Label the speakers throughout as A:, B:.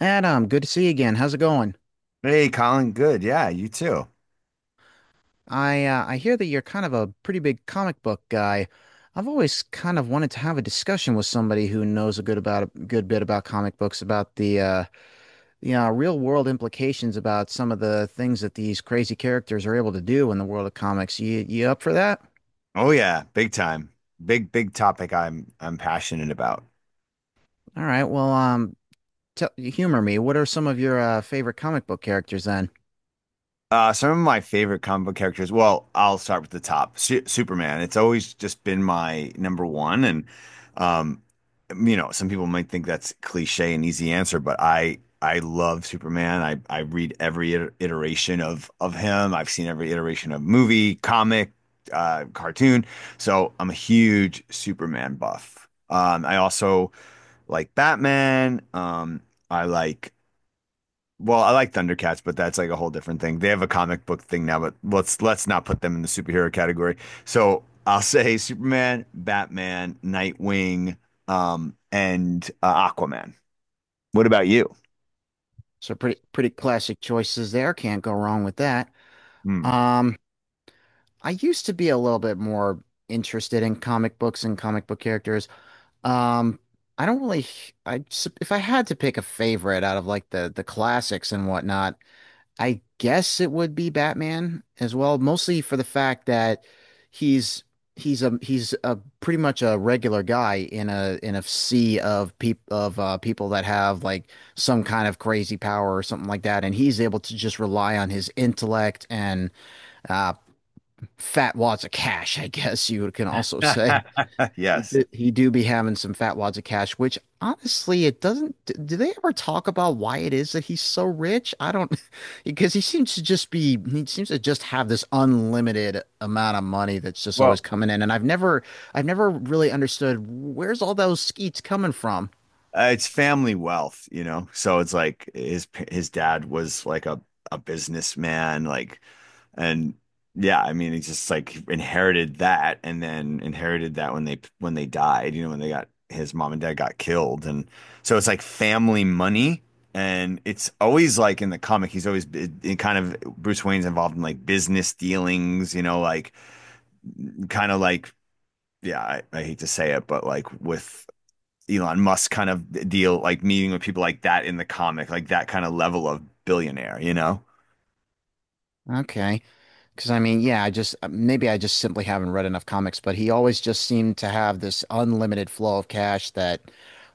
A: Adam, good to see you again. How's it going?
B: Hey, Colin, good. Yeah, you too.
A: I hear that you're kind of a pretty big comic book guy. I've always kind of wanted to have a discussion with somebody who knows a good about a good bit about comic books, about the real world implications about some of the things that these crazy characters are able to do in the world of comics. You up for that?
B: Oh yeah, big time. Big topic I'm passionate about.
A: All right. Tell, humor me. What are some of your favorite comic book characters then?
B: Some of my favorite comic book characters. Well, I'll start with the top. Su Superman. It's always just been my number one, and um, you know, some people might think that's cliche and easy answer, but I love Superman. I read every iteration of him. I've seen every iteration of movie, comic, cartoon. So I'm a huge Superman buff. I also like Batman. I like well, I like Thundercats, but that's like a whole different thing. They have a comic book thing now, but let's not put them in the superhero category. So I'll say Superman, Batman, Nightwing, and Aquaman. What about you?
A: So pretty classic choices there. Can't go wrong with that.
B: Hmm.
A: Um. I used to be a little bit more interested in comic books and comic book characters. Um, I don't really, if I had to pick a favorite out of like the classics and whatnot, I guess it would be Batman as well, mostly for the fact that he's he's a pretty much a regular guy in a sea of people that have like some kind of crazy power or something like that, and he's able to just rely on his intellect and uh, fat wads of cash, I guess you can also say. He
B: Yes.
A: do, he do be having some fat wads of cash, which honestly, it doesn't. Do they ever talk about why it is that he's so rich? I don't, because he seems to just be, he seems to just have this unlimited amount of money that's just always
B: Well,
A: coming in. And I've never really understood where's all those skeets coming from.
B: it's family wealth, you know. So it's like his dad was like a businessman, like, and yeah, I mean, he just like inherited that, and then inherited that when they died, you know, when they got his mom and dad got killed, and so it's like family money, and it's always like in the comic, he's always it kind of Bruce Wayne's involved in like business dealings, you know, like kind of like yeah, I hate to say it, but like with Elon Musk kind of deal, like meeting with people like that in the comic, like that kind of level of billionaire, you know?
A: Okay. Because I mean, yeah, I just maybe I just simply haven't read enough comics, but he always just seemed to have this unlimited flow of cash that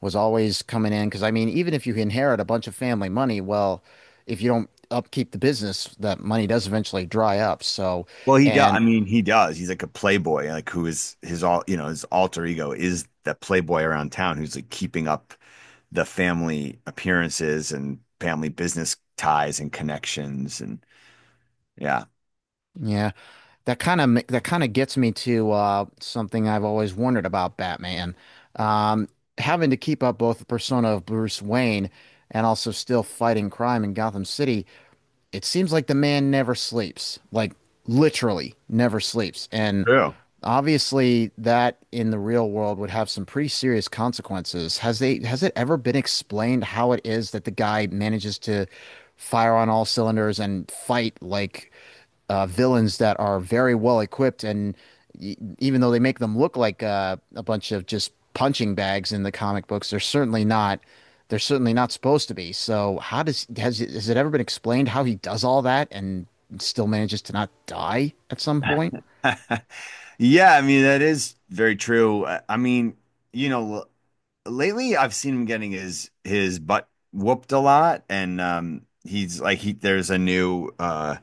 A: was always coming in. Because I mean, even if you inherit a bunch of family money, well, if you don't upkeep the business, that money does eventually dry up. So,
B: Well, he does. I
A: and
B: mean, he does. He's like a playboy, like who is his all, you know, his alter ego is the playboy around town who's like keeping up the family appearances and family business ties and connections. And yeah,
A: yeah, that kind of gets me to something I've always wondered about Batman, um, having to keep up both the persona of Bruce Wayne and also still fighting crime in Gotham City. It seems like the man never sleeps, like literally never sleeps. And
B: true.
A: obviously that in the real world would have some pretty serious consequences. Has it ever been explained how it is that the guy manages to fire on all cylinders and fight like villains that are very well equipped, and even though they make them look like a bunch of just punching bags in the comic books, they're certainly not. They're certainly not supposed to be. So, how does has it ever been explained how he does all that and still manages to not die at some point?
B: Yeah, I mean, that is very true. I mean, you know, lately I've seen him getting his butt whooped a lot, and he's like he there's a new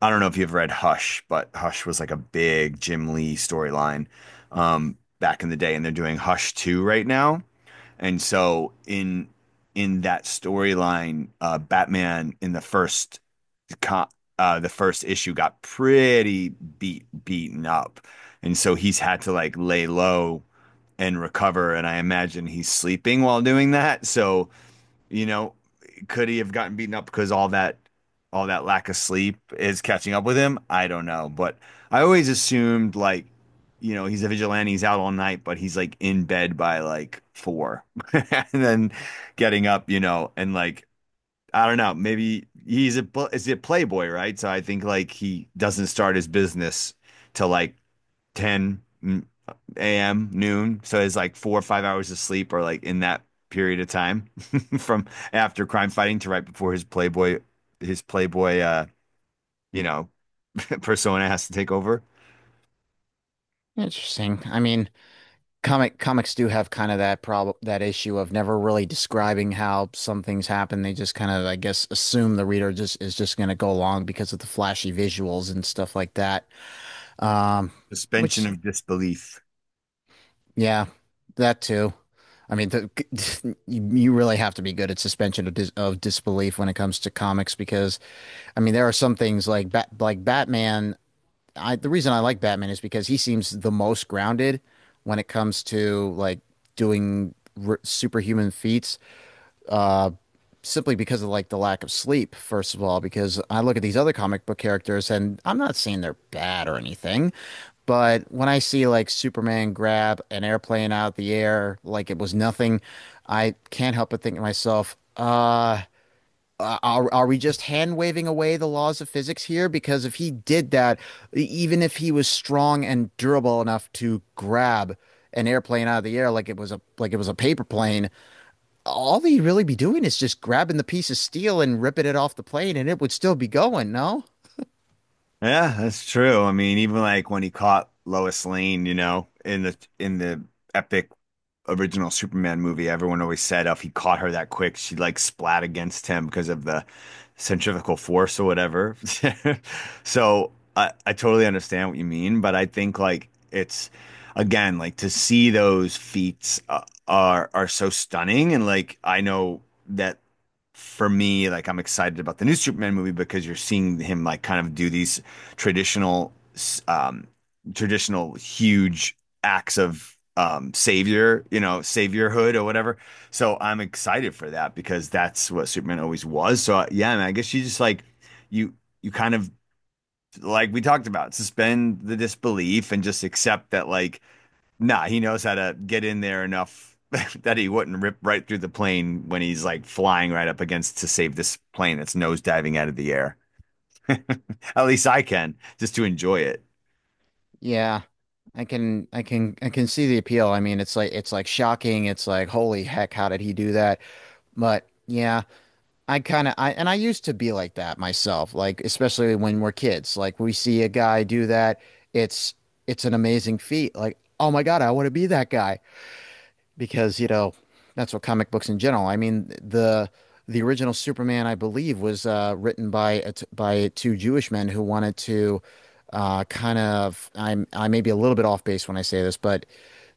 B: I don't know if you've read Hush, but Hush was like a big Jim Lee storyline back in the day, and they're doing Hush 2 right now, and so in that storyline, Batman in the first co the first issue got pretty beaten up. And so he's had to like lay low and recover. And I imagine he's sleeping while doing that. So, you know, could he have gotten beaten up because all that lack of sleep is catching up with him? I don't know. But I always assumed like, you know, he's a vigilante, he's out all night, but he's like in bed by like four and then getting up, you know, and like I don't know, maybe he's a is a playboy, right? So I think like he doesn't start his business till like 10 a.m., noon. So it's like 4 or 5 hours of sleep or like in that period of time from after crime fighting to right before his Playboy, you know, persona has to take over.
A: Interesting. I mean, comics do have kind of that problem, that issue of never really describing how some things happen. They just kind of, I guess, assume the reader just is just going to go along because of the flashy visuals and stuff like that. Um,
B: Suspension
A: which,
B: of disbelief.
A: yeah, that too. I mean, you really have to be good at suspension of, disbelief when it comes to comics because, I mean, there are some things like Batman. I the reason I like Batman is because he seems the most grounded when it comes to like doing r superhuman feats. Uh, simply because of like the lack of sleep, first of all, because I look at these other comic book characters and I'm not saying they're bad or anything, but when I see like Superman grab an airplane out of the air like it was nothing, I can't help but think to myself, are we just hand waving away the laws of physics here? Because if he did that, even if he was strong and durable enough to grab an airplane out of the air like it was a paper plane, all he'd really be doing is just grabbing the piece of steel and ripping it off the plane and it would still be going, no?
B: Yeah, that's true. I mean, even like when he caught Lois Lane, you know, in the epic original Superman movie, everyone always said oh, if he caught her that quick, she'd like splat against him because of the centrifugal force or whatever. So I totally understand what you mean, but I think like it's again like to see those feats are so stunning, and like I know that for me, like I'm excited about the new Superman movie because you're seeing him like kind of do these traditional, um, traditional huge acts of savior, you know, saviorhood or whatever. So I'm excited for that because that's what Superman always was. So yeah, man, I guess you just like you you kind of like we talked about suspend the disbelief and just accept that like nah, he knows how to get in there enough that he wouldn't rip right through the plane when he's like flying right up against to save this plane that's nosediving out of the air. At least I can, just to enjoy it.
A: Yeah. I can see the appeal. I mean, it's like shocking. It's like holy heck, how did he do that? But yeah, I kind of I and I used to be like that myself, like especially when we're kids. Like we see a guy do that, it's it's an amazing feat. Like, oh my God, I want to be that guy. Because you know that's what comic books in general. I mean the original Superman, I believe, was written by a t by two Jewish men who wanted to I may be a little bit off base when I say this, but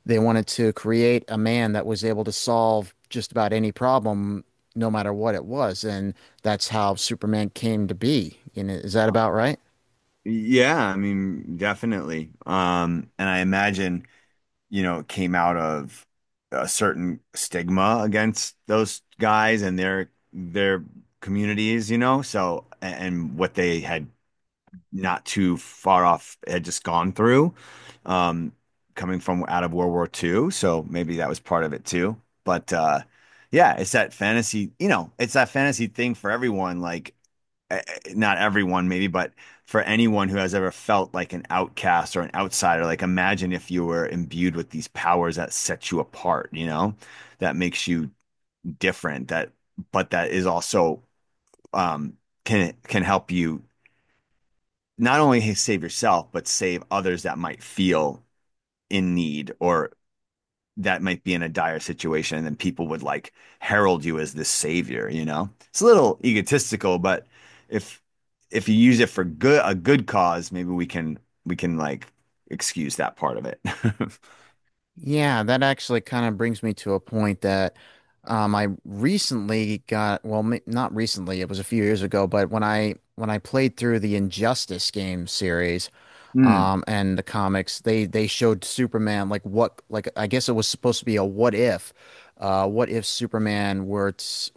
A: they wanted to create a man that was able to solve just about any problem, no matter what it was, and that's how Superman came to be. You know, is that about right?
B: Yeah, I mean, definitely. And I imagine, you know, it came out of a certain stigma against those guys and their communities, you know, so and what they had not too far off had just gone through, um, coming from out of World War Two, so maybe that was part of it too. But yeah, it's that fantasy, you know, it's that fantasy thing for everyone. Like, not everyone, maybe, but for anyone who has ever felt like an outcast or an outsider, like imagine if you were imbued with these powers that set you apart, you know, that makes you different, that, but that is also, um, can help you not only save yourself, but save others that might feel in need or that might be in a dire situation. And then people would like herald you as this savior, you know? It's a little egotistical, but if if you use it for good a good cause, maybe we can like excuse that part of it.
A: Yeah, that actually kind of brings me to a point that I recently got, well, m not recently, it was a few years ago, but when I played through the Injustice game series,
B: Mm,
A: and the comics, they showed Superman like what like I guess it was supposed to be a what if Superman were to,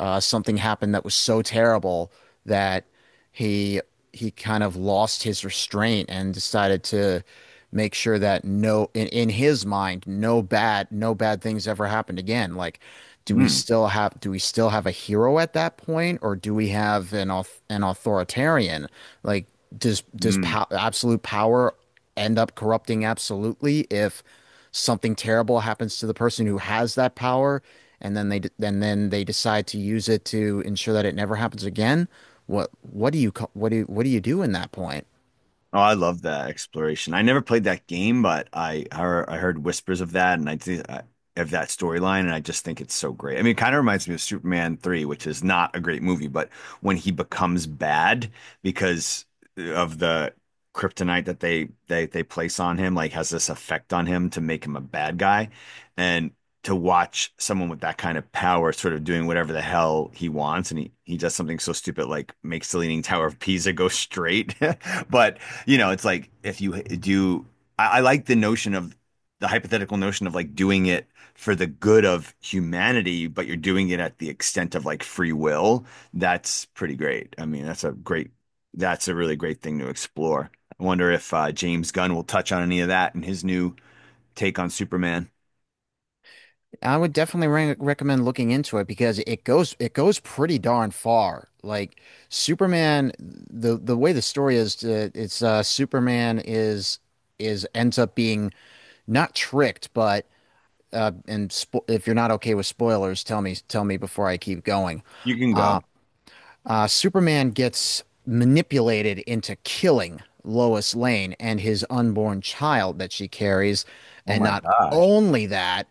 A: something happened that was so terrible that he he kind of lost his restraint and decided to make sure that no in, in his mind no bad things ever happened again. Like, do we
B: mm,
A: still have a hero at that point, or do we have an an authoritarian? Like, does
B: mm.
A: absolute power end up corrupting absolutely if something terrible happens to the person who has that power and then they decide to use it to ensure that it never happens again? What do you do in that point?
B: Oh, I love that exploration. I never played that game, but I heard, I heard whispers of that, and of that storyline, and I just think it's so great. I mean, it kind of reminds me of Superman 3, which is not a great movie, but when he becomes bad because of the kryptonite that they place on him, like has this effect on him to make him a bad guy, and to watch someone with that kind of power sort of doing whatever the hell he wants and he does something so stupid like makes the Leaning Tower of Pisa go straight but you know, it's like if you do, I like the notion of the hypothetical notion of like doing it for the good of humanity, but you're doing it at the extent of like free will. That's pretty great. I mean, that's a really great thing to explore. I wonder if James Gunn will touch on any of that in his new take on Superman.
A: I would definitely recommend looking into it because it goes pretty darn far. Like, Superman, the way the story is it's Superman is ends up being not tricked but if you're not okay with spoilers, tell me before I keep going.
B: You can go.
A: Superman gets manipulated into killing Lois Lane and his unborn child that she carries,
B: Oh
A: and
B: my
A: not
B: gosh.
A: only that,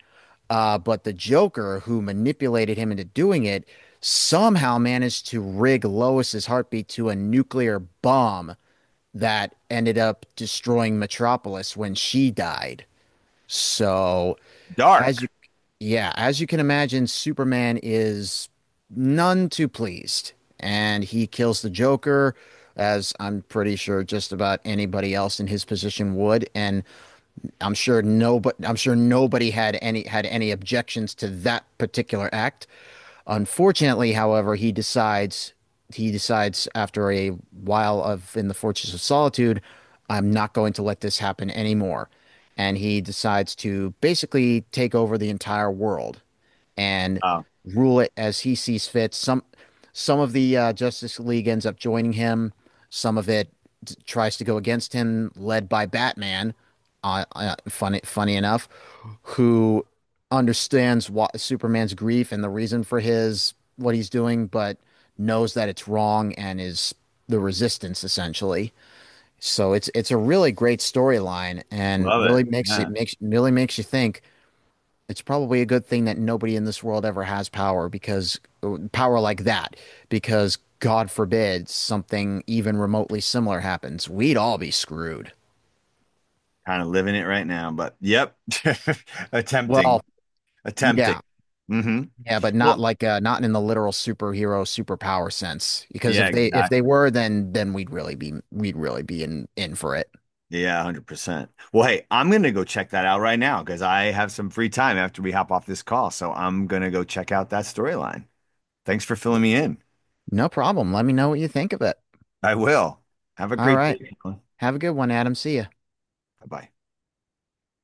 A: but the Joker who manipulated him into doing it somehow managed to rig Lois's heartbeat to a nuclear bomb that ended up destroying Metropolis when she died. So as you,
B: Dark.
A: yeah, as you can imagine, Superman is none too pleased, and he kills the Joker, as I'm pretty sure just about anybody else in his position would. And I'm sure no, but I'm sure nobody had any objections to that particular act. Unfortunately, however, he decides after a while of in the Fortress of Solitude, I'm not going to let this happen anymore. And he decides to basically take over the entire world and
B: Oh,
A: rule it as he sees fit. Some of the Justice League ends up joining him. Some of it tries to go against him, led by Batman. Funny, funny enough, who understands what Superman's grief and the reason for his what he's doing, but knows that it's wrong and is the resistance essentially. So it's a really great storyline and
B: love
A: really
B: it. Yeah.
A: makes you think it's probably a good thing that nobody in this world ever has power, because power like that, because God forbid something even remotely similar happens. We'd all be screwed.
B: Kind of living it right now, but yep.
A: Well,
B: Attempting. Attempting.
A: yeah,
B: Hmm.
A: yeah, but not
B: Well,
A: like not in the literal superhero superpower sense. Because
B: yeah,
A: if they
B: exactly.
A: were, then we'd really be in for it.
B: Yeah, 100%. Well, hey, I'm going to go check that out right now because I have some free time after we hop off this call. So I'm going to go check out that storyline. Thanks for filling me in.
A: No problem. Let me know what you think of it.
B: I will. Have a
A: All
B: great
A: right.
B: day. Bye
A: Have a good one, Adam. See ya.
B: bye.